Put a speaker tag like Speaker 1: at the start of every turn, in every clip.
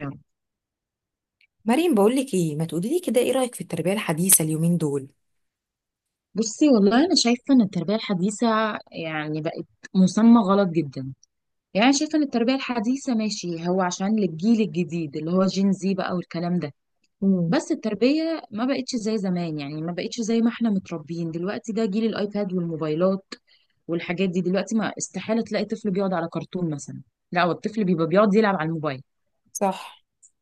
Speaker 1: يعني.
Speaker 2: مريم، بقولك ايه ما تقولي لي كده، ايه رأيك في التربية الحديثة اليومين دول؟
Speaker 1: بصي والله انا شايفه ان التربيه الحديثه يعني بقت مسمى غلط جدا. يعني شايفه ان التربيه الحديثه ماشي هو عشان للجيل الجديد اللي هو جين زي بقى والكلام ده. بس التربيه ما بقتش زي زمان، يعني ما بقتش زي ما احنا متربيين. دلوقتي ده جيل الايباد والموبايلات والحاجات دي. دلوقتي ما استحاله تلاقي طفل بيقعد على كرتون مثلا، لا هو الطفل بيبقى بيقعد يلعب على الموبايل.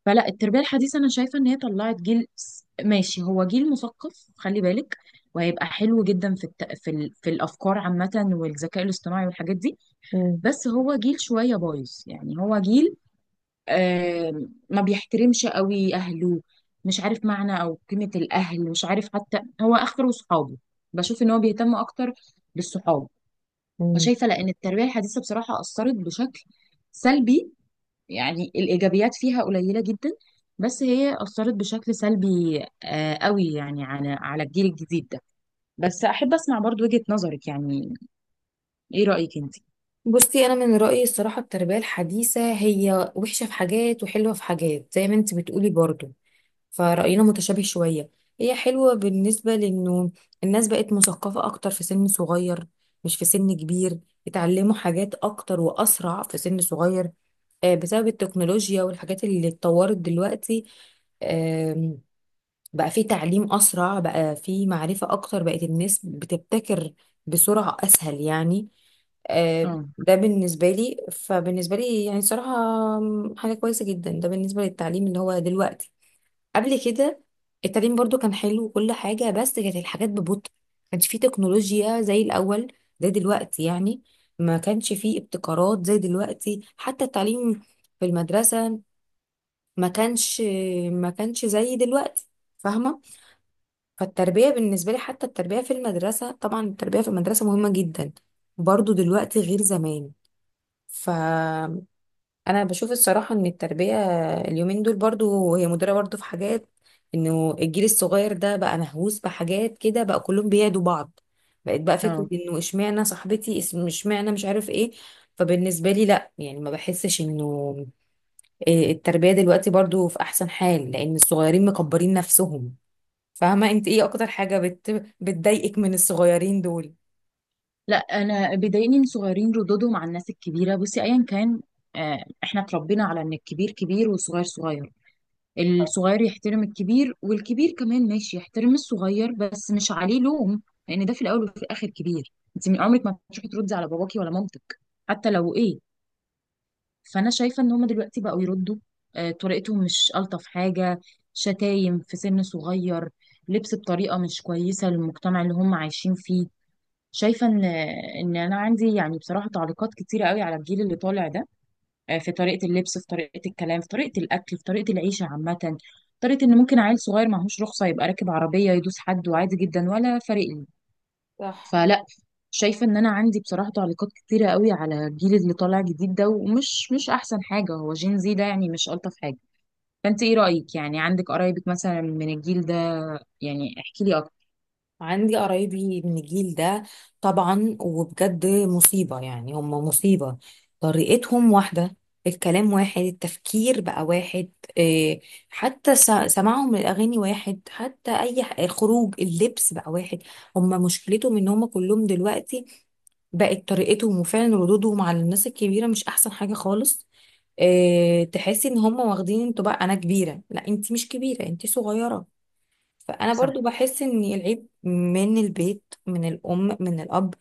Speaker 1: فلا، التربية الحديثة أنا شايفة إن هي طلعت ماشي هو جيل مثقف، خلي بالك، وهيبقى حلو جدا في الت... في, ال... في الأفكار عامة والذكاء الاصطناعي والحاجات دي. بس هو جيل شوية بايظ، يعني هو جيل ما بيحترمش قوي أهله، مش عارف معنى أو قيمة الأهل، مش عارف حتى هو آخره صحابه. بشوف إن هو بيهتم أكتر بالصحاب.
Speaker 2: مم.
Speaker 1: فشايفة لأن التربية الحديثة بصراحة أثرت بشكل سلبي. يعني الإيجابيات فيها قليلة جدا، بس هي أثرت بشكل سلبي قوي يعني على الجيل الجديد ده. بس أحب أسمع برضو وجهة نظرك يعني، إيه رأيك أنت؟
Speaker 2: بصي انا من رأيي الصراحة التربية الحديثة هي وحشة في حاجات وحلوة في حاجات زي ما انت بتقولي برضو، فرأينا متشابه شوية. هي حلوة بالنسبة لانه الناس بقت مثقفة اكتر في سن صغير، مش في سن كبير. اتعلموا حاجات اكتر واسرع في سن صغير، بسبب التكنولوجيا والحاجات اللي اتطورت دلوقتي. بقى في تعليم أسرع، بقى في معرفة أكتر، بقت الناس بتبتكر بسرعة أسهل يعني.
Speaker 1: اه
Speaker 2: ده بالنسبة لي، فبالنسبة لي يعني صراحة حاجة كويسة جدا. ده بالنسبة للتعليم اللي هو دلوقتي. قبل كده التعليم برضو كان حلو وكل حاجة، بس كانت الحاجات ببطء، ما كانش فيه تكنولوجيا زي الأول، زي دلوقتي يعني. ما كانش فيه ابتكارات زي دلوقتي، حتى التعليم في المدرسة ما كانش، ما كانش زي دلوقتي، فاهمة؟ فالتربية بالنسبة لي، حتى التربية في المدرسة طبعا، التربية في المدرسة مهمة جدا، برضو دلوقتي غير زمان. فأنا بشوف الصراحة إن التربية اليومين دول برضو هي مدرة برضو في حاجات. إنه الجيل الصغير ده بقى مهووس بحاجات كده، بقى كلهم بيعدوا بعض، بقت بقى فكرة
Speaker 1: اه.
Speaker 2: إنه إشمعنى صاحبتي إشمعنى مش عارف إيه. فبالنسبة لي لأ يعني، ما بحسش إنه التربية دلوقتي برضو في أحسن حال لأن الصغيرين مكبرين نفسهم. فاهمة؟ انت ايه اكتر حاجة بتضايقك من الصغيرين دول؟
Speaker 1: لا، أنا بيضايقني إن صغيرين ردودهم على الناس الكبيرة. بصي، أيا كان، إحنا اتربينا على إن الكبير كبير والصغير صغير. الصغير يحترم الكبير، والكبير كمان ماشي يحترم الصغير بس مش عليه لوم، لأن ده في الأول وفي الآخر كبير. أنت من عمرك ما تروحي تردي على باباكي ولا مامتك حتى لو ايه. فانا شايفه ان هم دلوقتي بقوا يردوا. طريقتهم مش الطف حاجه، شتايم في سن صغير، لبس بطريقه مش كويسه للمجتمع اللي هم عايشين فيه. شايفه ان انا عندي يعني بصراحه تعليقات كتيره قوي على الجيل اللي طالع ده. في طريقه اللبس، في طريقه الكلام، في طريقه الاكل، في طريقه العيشه عامه. طريقه ان ممكن عيل صغير معهوش رخصه يبقى راكب عربيه يدوس حد وعادي جدا ولا فارق لي.
Speaker 2: صح.
Speaker 1: فلا، شايفه ان انا عندي بصراحه تعليقات كتيره قوي على الجيل اللي طالع جديد ده، ومش مش احسن حاجه. هو جين زي ده يعني مش الطف حاجه. فانت ايه رايك يعني؟ عندك قرايبك مثلا من الجيل ده؟ يعني احكي لي اكتر.
Speaker 2: عندي قرايبي من الجيل ده طبعا، وبجد مصيبة يعني، هم مصيبة. طريقتهم واحدة، الكلام واحد، التفكير بقى واحد. إيه، حتى سماعهم للأغاني واحد، حتى أي خروج، اللبس بقى واحد. هم مشكلتهم إن هم كلهم دلوقتي بقت طريقتهم، وفعلا ردودهم على الناس الكبيرة مش أحسن حاجة خالص. تحسي إن هم واخدين انتوا بقى أنا كبيرة. لا انت مش كبيرة، انت صغيرة. فانا
Speaker 1: صح.
Speaker 2: برضو بحس ان العيب من البيت، من الام، من الاب.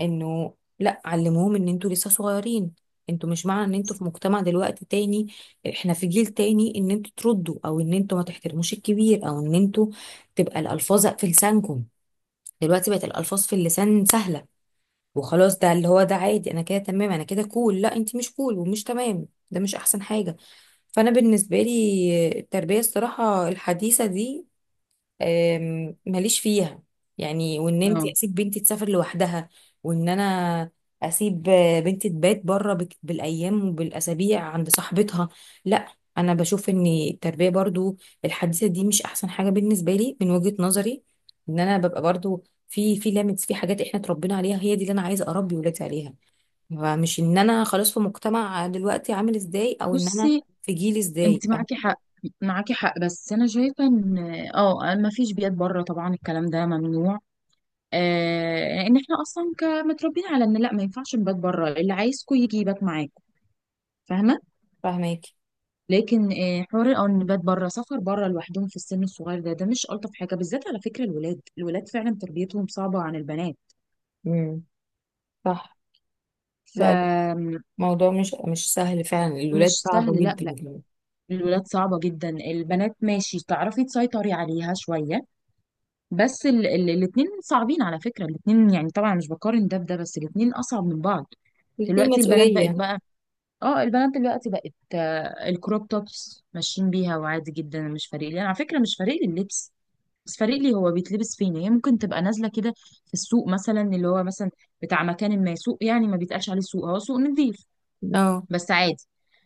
Speaker 2: انه لا علموهم ان انتوا لسه صغيرين، انتوا مش معنى ان انتوا في مجتمع دلوقتي تاني، احنا في جيل تاني، ان انتوا تردوا او ان انتوا ما تحترموش الكبير، او ان انتوا تبقى الالفاظ في لسانكم. دلوقتي بقت الالفاظ في اللسان سهله، وخلاص ده اللي هو ده عادي، انا كده تمام، انا كده كول. لا انت مش كول ومش تمام، ده مش احسن حاجه. فانا بالنسبه لي التربيه الصراحه الحديثه دي ماليش فيها يعني. وان انت
Speaker 1: اه.
Speaker 2: اسيب بنتي تسافر لوحدها، وان انا اسيب بنتي تبات بره بالايام وبالاسابيع عند صاحبتها، لا. انا بشوف ان التربيه برضو الحديثه دي مش احسن حاجه بالنسبه لي من وجهه نظري. ان انا ببقى برضو في ليميتس في حاجات احنا اتربينا عليها، هي دي اللي انا عايزه اربي ولادي عليها. فمش ان انا خلاص في مجتمع دلوقتي عامل ازاي، او ان انا
Speaker 1: بصي،
Speaker 2: في جيل ازاي.
Speaker 1: انت معاكي حق، معاكي حق. بس انا شايفه ان اه، ما فيش بيئات بره طبعا، الكلام ده ممنوع. آه، ان احنا اصلا كمتربيين على ان لا، ما ينفعش نبات بره، اللي عايزكوا يجي يبات معاكم. فاهمه.
Speaker 2: فاهماكي؟
Speaker 1: لكن حوار الأنبات بره، سفر بره لوحدهم في السن الصغير ده، ده مش ألطف حاجة، بالذات على فكرة الولاد. الولاد فعلا تربيتهم صعبة عن البنات.
Speaker 2: امم. صح. لا،
Speaker 1: فمش
Speaker 2: موضوع مش سهل فعلا، الولاد صعبة
Speaker 1: سهل، لا
Speaker 2: جدا
Speaker 1: لا.
Speaker 2: كمان.
Speaker 1: الولاد صعبة جدا. البنات ماشي تعرفي تسيطري عليها شوية، بس ال الاتنين صعبين على فكرة. الاتنين يعني طبعا مش بقارن ده بده، بس الاتنين أصعب من بعض.
Speaker 2: الاتنين
Speaker 1: دلوقتي البنات بقت
Speaker 2: مسؤولية.
Speaker 1: بقى، اه البنات دلوقتي بقت الكروب توبس ماشيين بيها، وعادي جدا، مش فارق لي انا على فكرة. مش فارق لي اللبس، بس فارق لي هو بيتلبس فين. هي ممكن تبقى نازله كده في السوق مثلا، اللي هو مثلا بتاع مكان، ما سوق يعني ما بيتقالش عليه سوق، هو سوق نظيف،
Speaker 2: اه.
Speaker 1: بس عادي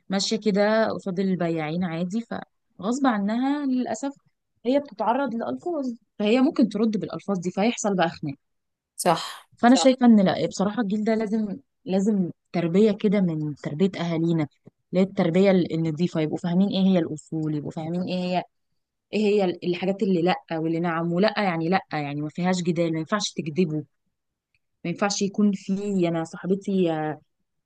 Speaker 1: ماشيه كده قصاد البياعين عادي. فغصب عنها للاسف هي بتتعرض لألفاظ، فهي ممكن ترد بالألفاظ دي، فيحصل بقى خناق.
Speaker 2: صح.
Speaker 1: فأنا صح شايفة إن لا بصراحة الجيل ده لازم، لازم تربية كده من تربية أهالينا، اللي هي التربية النضيفة. يبقوا فاهمين إيه هي الأصول، يبقوا فاهمين إيه هي، ايه هي الحاجات اللي لا واللي نعم، ولا يعني لا يعني ما فيهاش جدال. ما ينفعش تكذبوا، ما ينفعش يكون في، انا صاحبتي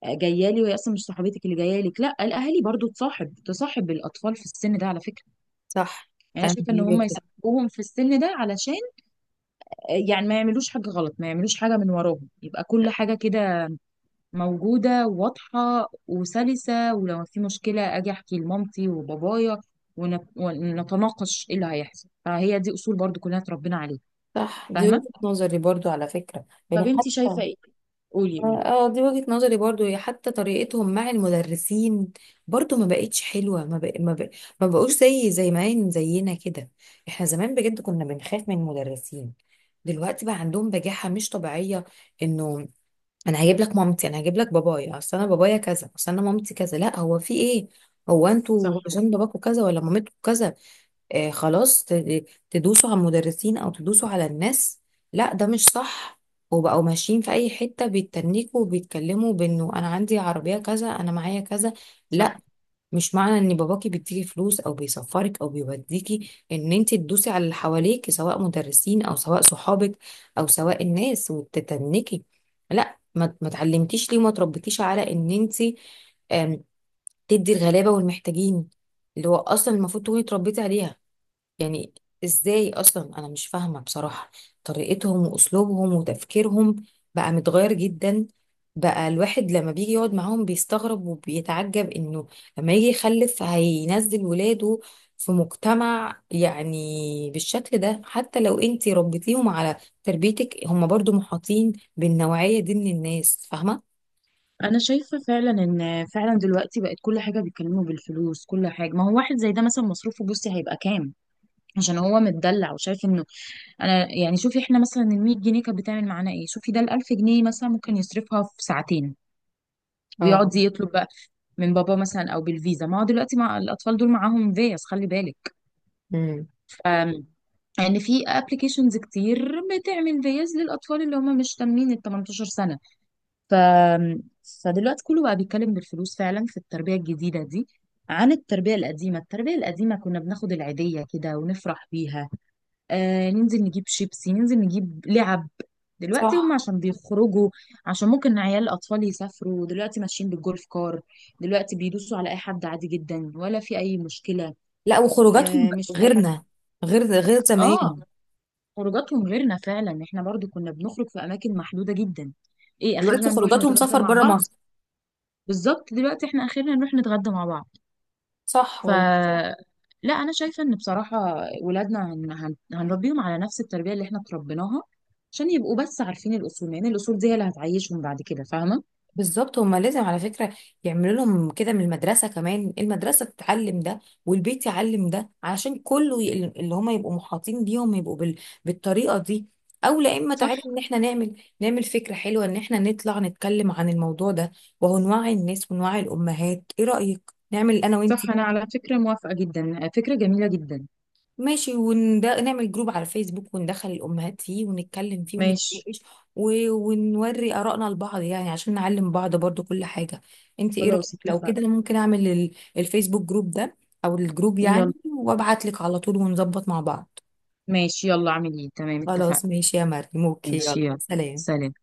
Speaker 1: جايه لي وهي اصلا مش صاحبتك اللي جايه لك، لا. الاهالي برضو تصاحب الاطفال في السن ده على فكره.
Speaker 2: صح.
Speaker 1: يعني انا
Speaker 2: أنا
Speaker 1: شايفه ان
Speaker 2: دي
Speaker 1: هم
Speaker 2: وجهة.
Speaker 1: يصاحبوهم في السن ده علشان يعني ما يعملوش حاجه غلط، ما يعملوش حاجه من وراهم، يبقى كل حاجه كده موجوده واضحه وسلسه. ولو في مشكله، اجي احكي لمامتي وبابايا ونتناقش ايه اللي هيحصل. فهي دي اصول برضو كلنا اتربينا عليها.
Speaker 2: صح، دي
Speaker 1: فاهمه.
Speaker 2: وجهة نظري برضو على فكرة، يعني
Speaker 1: طب انت
Speaker 2: حتى.
Speaker 1: شايفة ايه؟ قولي قولي.
Speaker 2: اه دي وجهة نظري برضو، هي حتى طريقتهم مع المدرسين برضو ما بقتش حلوة. ما بقوش زي ما زينا كده. احنا زمان بجد كنا بنخاف من المدرسين، دلوقتي بقى عندهم بجاحة مش طبيعية. انه انا هجيب لك مامتي، انا هجيب لك بابايا، اصل انا بابايا كذا، اصل انا مامتي كذا. لا، هو في ايه؟ هو
Speaker 1: صح.
Speaker 2: انتوا عشان باباكوا كذا ولا مامتكوا كذا خلاص تدوسوا على المدرسين او تدوسوا على الناس؟ لا ده مش صح. وبقوا ماشيين في اي حته بيتنكوا وبيتكلموا بانه انا عندي عربيه كذا، انا معايا كذا.
Speaker 1: صح
Speaker 2: لا، مش معنى ان باباكي بيديكي فلوس او بيسفرك او بيوديكي ان انت تدوسي على اللي حواليك، سواء مدرسين او سواء صحابك او سواء الناس وتتنكي. لا، ما اتعلمتيش ليه وما تربيتيش على ان انت آم، تدي الغلابه والمحتاجين، اللي هو اصلا المفروض تكوني اتربيتي عليها يعني. ازاي اصلا؟ انا مش فاهمه بصراحه. طريقتهم واسلوبهم وتفكيرهم بقى متغير جدا. بقى الواحد لما بيجي يقعد معاهم بيستغرب وبيتعجب انه لما يجي يخلف هينزل ولاده في مجتمع يعني بالشكل ده، حتى لو انتي ربيتيهم على تربيتك، هم برضو محاطين بالنوعيه دي من الناس، فاهمه؟
Speaker 1: انا شايفة فعلا ان فعلا دلوقتي بقت كل حاجة بيتكلموا بالفلوس، كل حاجة. ما هو واحد زي ده مثلا مصروفه بصي هيبقى كام؟ عشان هو متدلع وشايف انه، انا يعني شوفي احنا مثلا ال 100 جنيه كانت بتعمل معانا ايه؟ شوفي ده، ال 1000 جنيه مثلا ممكن يصرفها في ساعتين،
Speaker 2: اه.
Speaker 1: ويقعد يطلب بقى من بابا مثلا، او بالفيزا. ما هو دلوقتي مع الاطفال دول معاهم فيز، خلي بالك،
Speaker 2: امم.
Speaker 1: ف- ان في ابلكيشنز كتير بتعمل فيز للاطفال اللي هم مش تامين ال 18 سنه. ف... فدلوقتي كله بقى بيتكلم بالفلوس فعلا في التربية الجديدة دي، عن التربية القديمة. التربية القديمة كنا بناخد العيدية كده ونفرح بيها، ننزل نجيب شيبسي، ننزل نجيب لعب. دلوقتي هم
Speaker 2: صح.
Speaker 1: عشان بيخرجوا، عشان ممكن عيال الأطفال يسافروا، دلوقتي ماشيين بالجولف كار، دلوقتي بيدوسوا على أي حد عادي جدا ولا في أي مشكلة.
Speaker 2: لا وخروجاتهم
Speaker 1: آه، مش فارق.
Speaker 2: غيرنا، غير
Speaker 1: اه،
Speaker 2: زمان.
Speaker 1: خروجاتهم غيرنا فعلا. احنا برضو كنا بنخرج في أماكن محدودة جدا، ايه
Speaker 2: دلوقتي
Speaker 1: اخيرا نروح
Speaker 2: خروجاتهم
Speaker 1: نتغدى
Speaker 2: سفر
Speaker 1: مع
Speaker 2: بره
Speaker 1: بعض.
Speaker 2: مصر.
Speaker 1: بالظبط، دلوقتي احنا اخيرا نروح نتغدى مع بعض.
Speaker 2: صح
Speaker 1: ف صح.
Speaker 2: والله.
Speaker 1: لا انا شايفه ان بصراحه ولادنا هنربيهم على نفس التربيه اللي احنا تربيناها، عشان يبقوا بس عارفين الاصول، لان الاصول دي هي اللي هتعيشهم بعد كده. فاهمه.
Speaker 2: بالظبط. هما لازم على فكرة يعملوا لهم كده من المدرسة كمان، المدرسة تتعلم ده والبيت يعلم ده، علشان كله اللي هما يبقوا محاطين بيهم يبقوا بالطريقة دي. او لا، اما تعالي
Speaker 1: صح.
Speaker 2: ان احنا نعمل نعمل فكرة حلوة ان احنا نطلع نتكلم عن الموضوع ده، وهو نوعي الناس ونوعي الامهات. ايه رأيك نعمل انا
Speaker 1: صح
Speaker 2: وانتي؟
Speaker 1: انا على فكره موافقه جدا، فكره جميله جدا.
Speaker 2: ماشي. ونده نعمل جروب على فيسبوك وندخل الأمهات فيه ونتكلم فيه
Speaker 1: ماشي.
Speaker 2: ونتناقش ونوري آرائنا لبعض يعني عشان نعلم بعض برضو كل حاجة. انت ايه رأيك
Speaker 1: خلاص
Speaker 2: لو كده،
Speaker 1: اتفقنا.
Speaker 2: انا ممكن اعمل الفيسبوك جروب ده، او الجروب يعني،
Speaker 1: يلا.
Speaker 2: وابعت لك على طول ونظبط مع بعض.
Speaker 1: ماشي يلا، اعمل ايه، تمام، اتفقنا.
Speaker 2: خلاص ماشي يا مريم، اوكي،
Speaker 1: ماشي
Speaker 2: يلا
Speaker 1: يلا.
Speaker 2: سلام.
Speaker 1: سلام.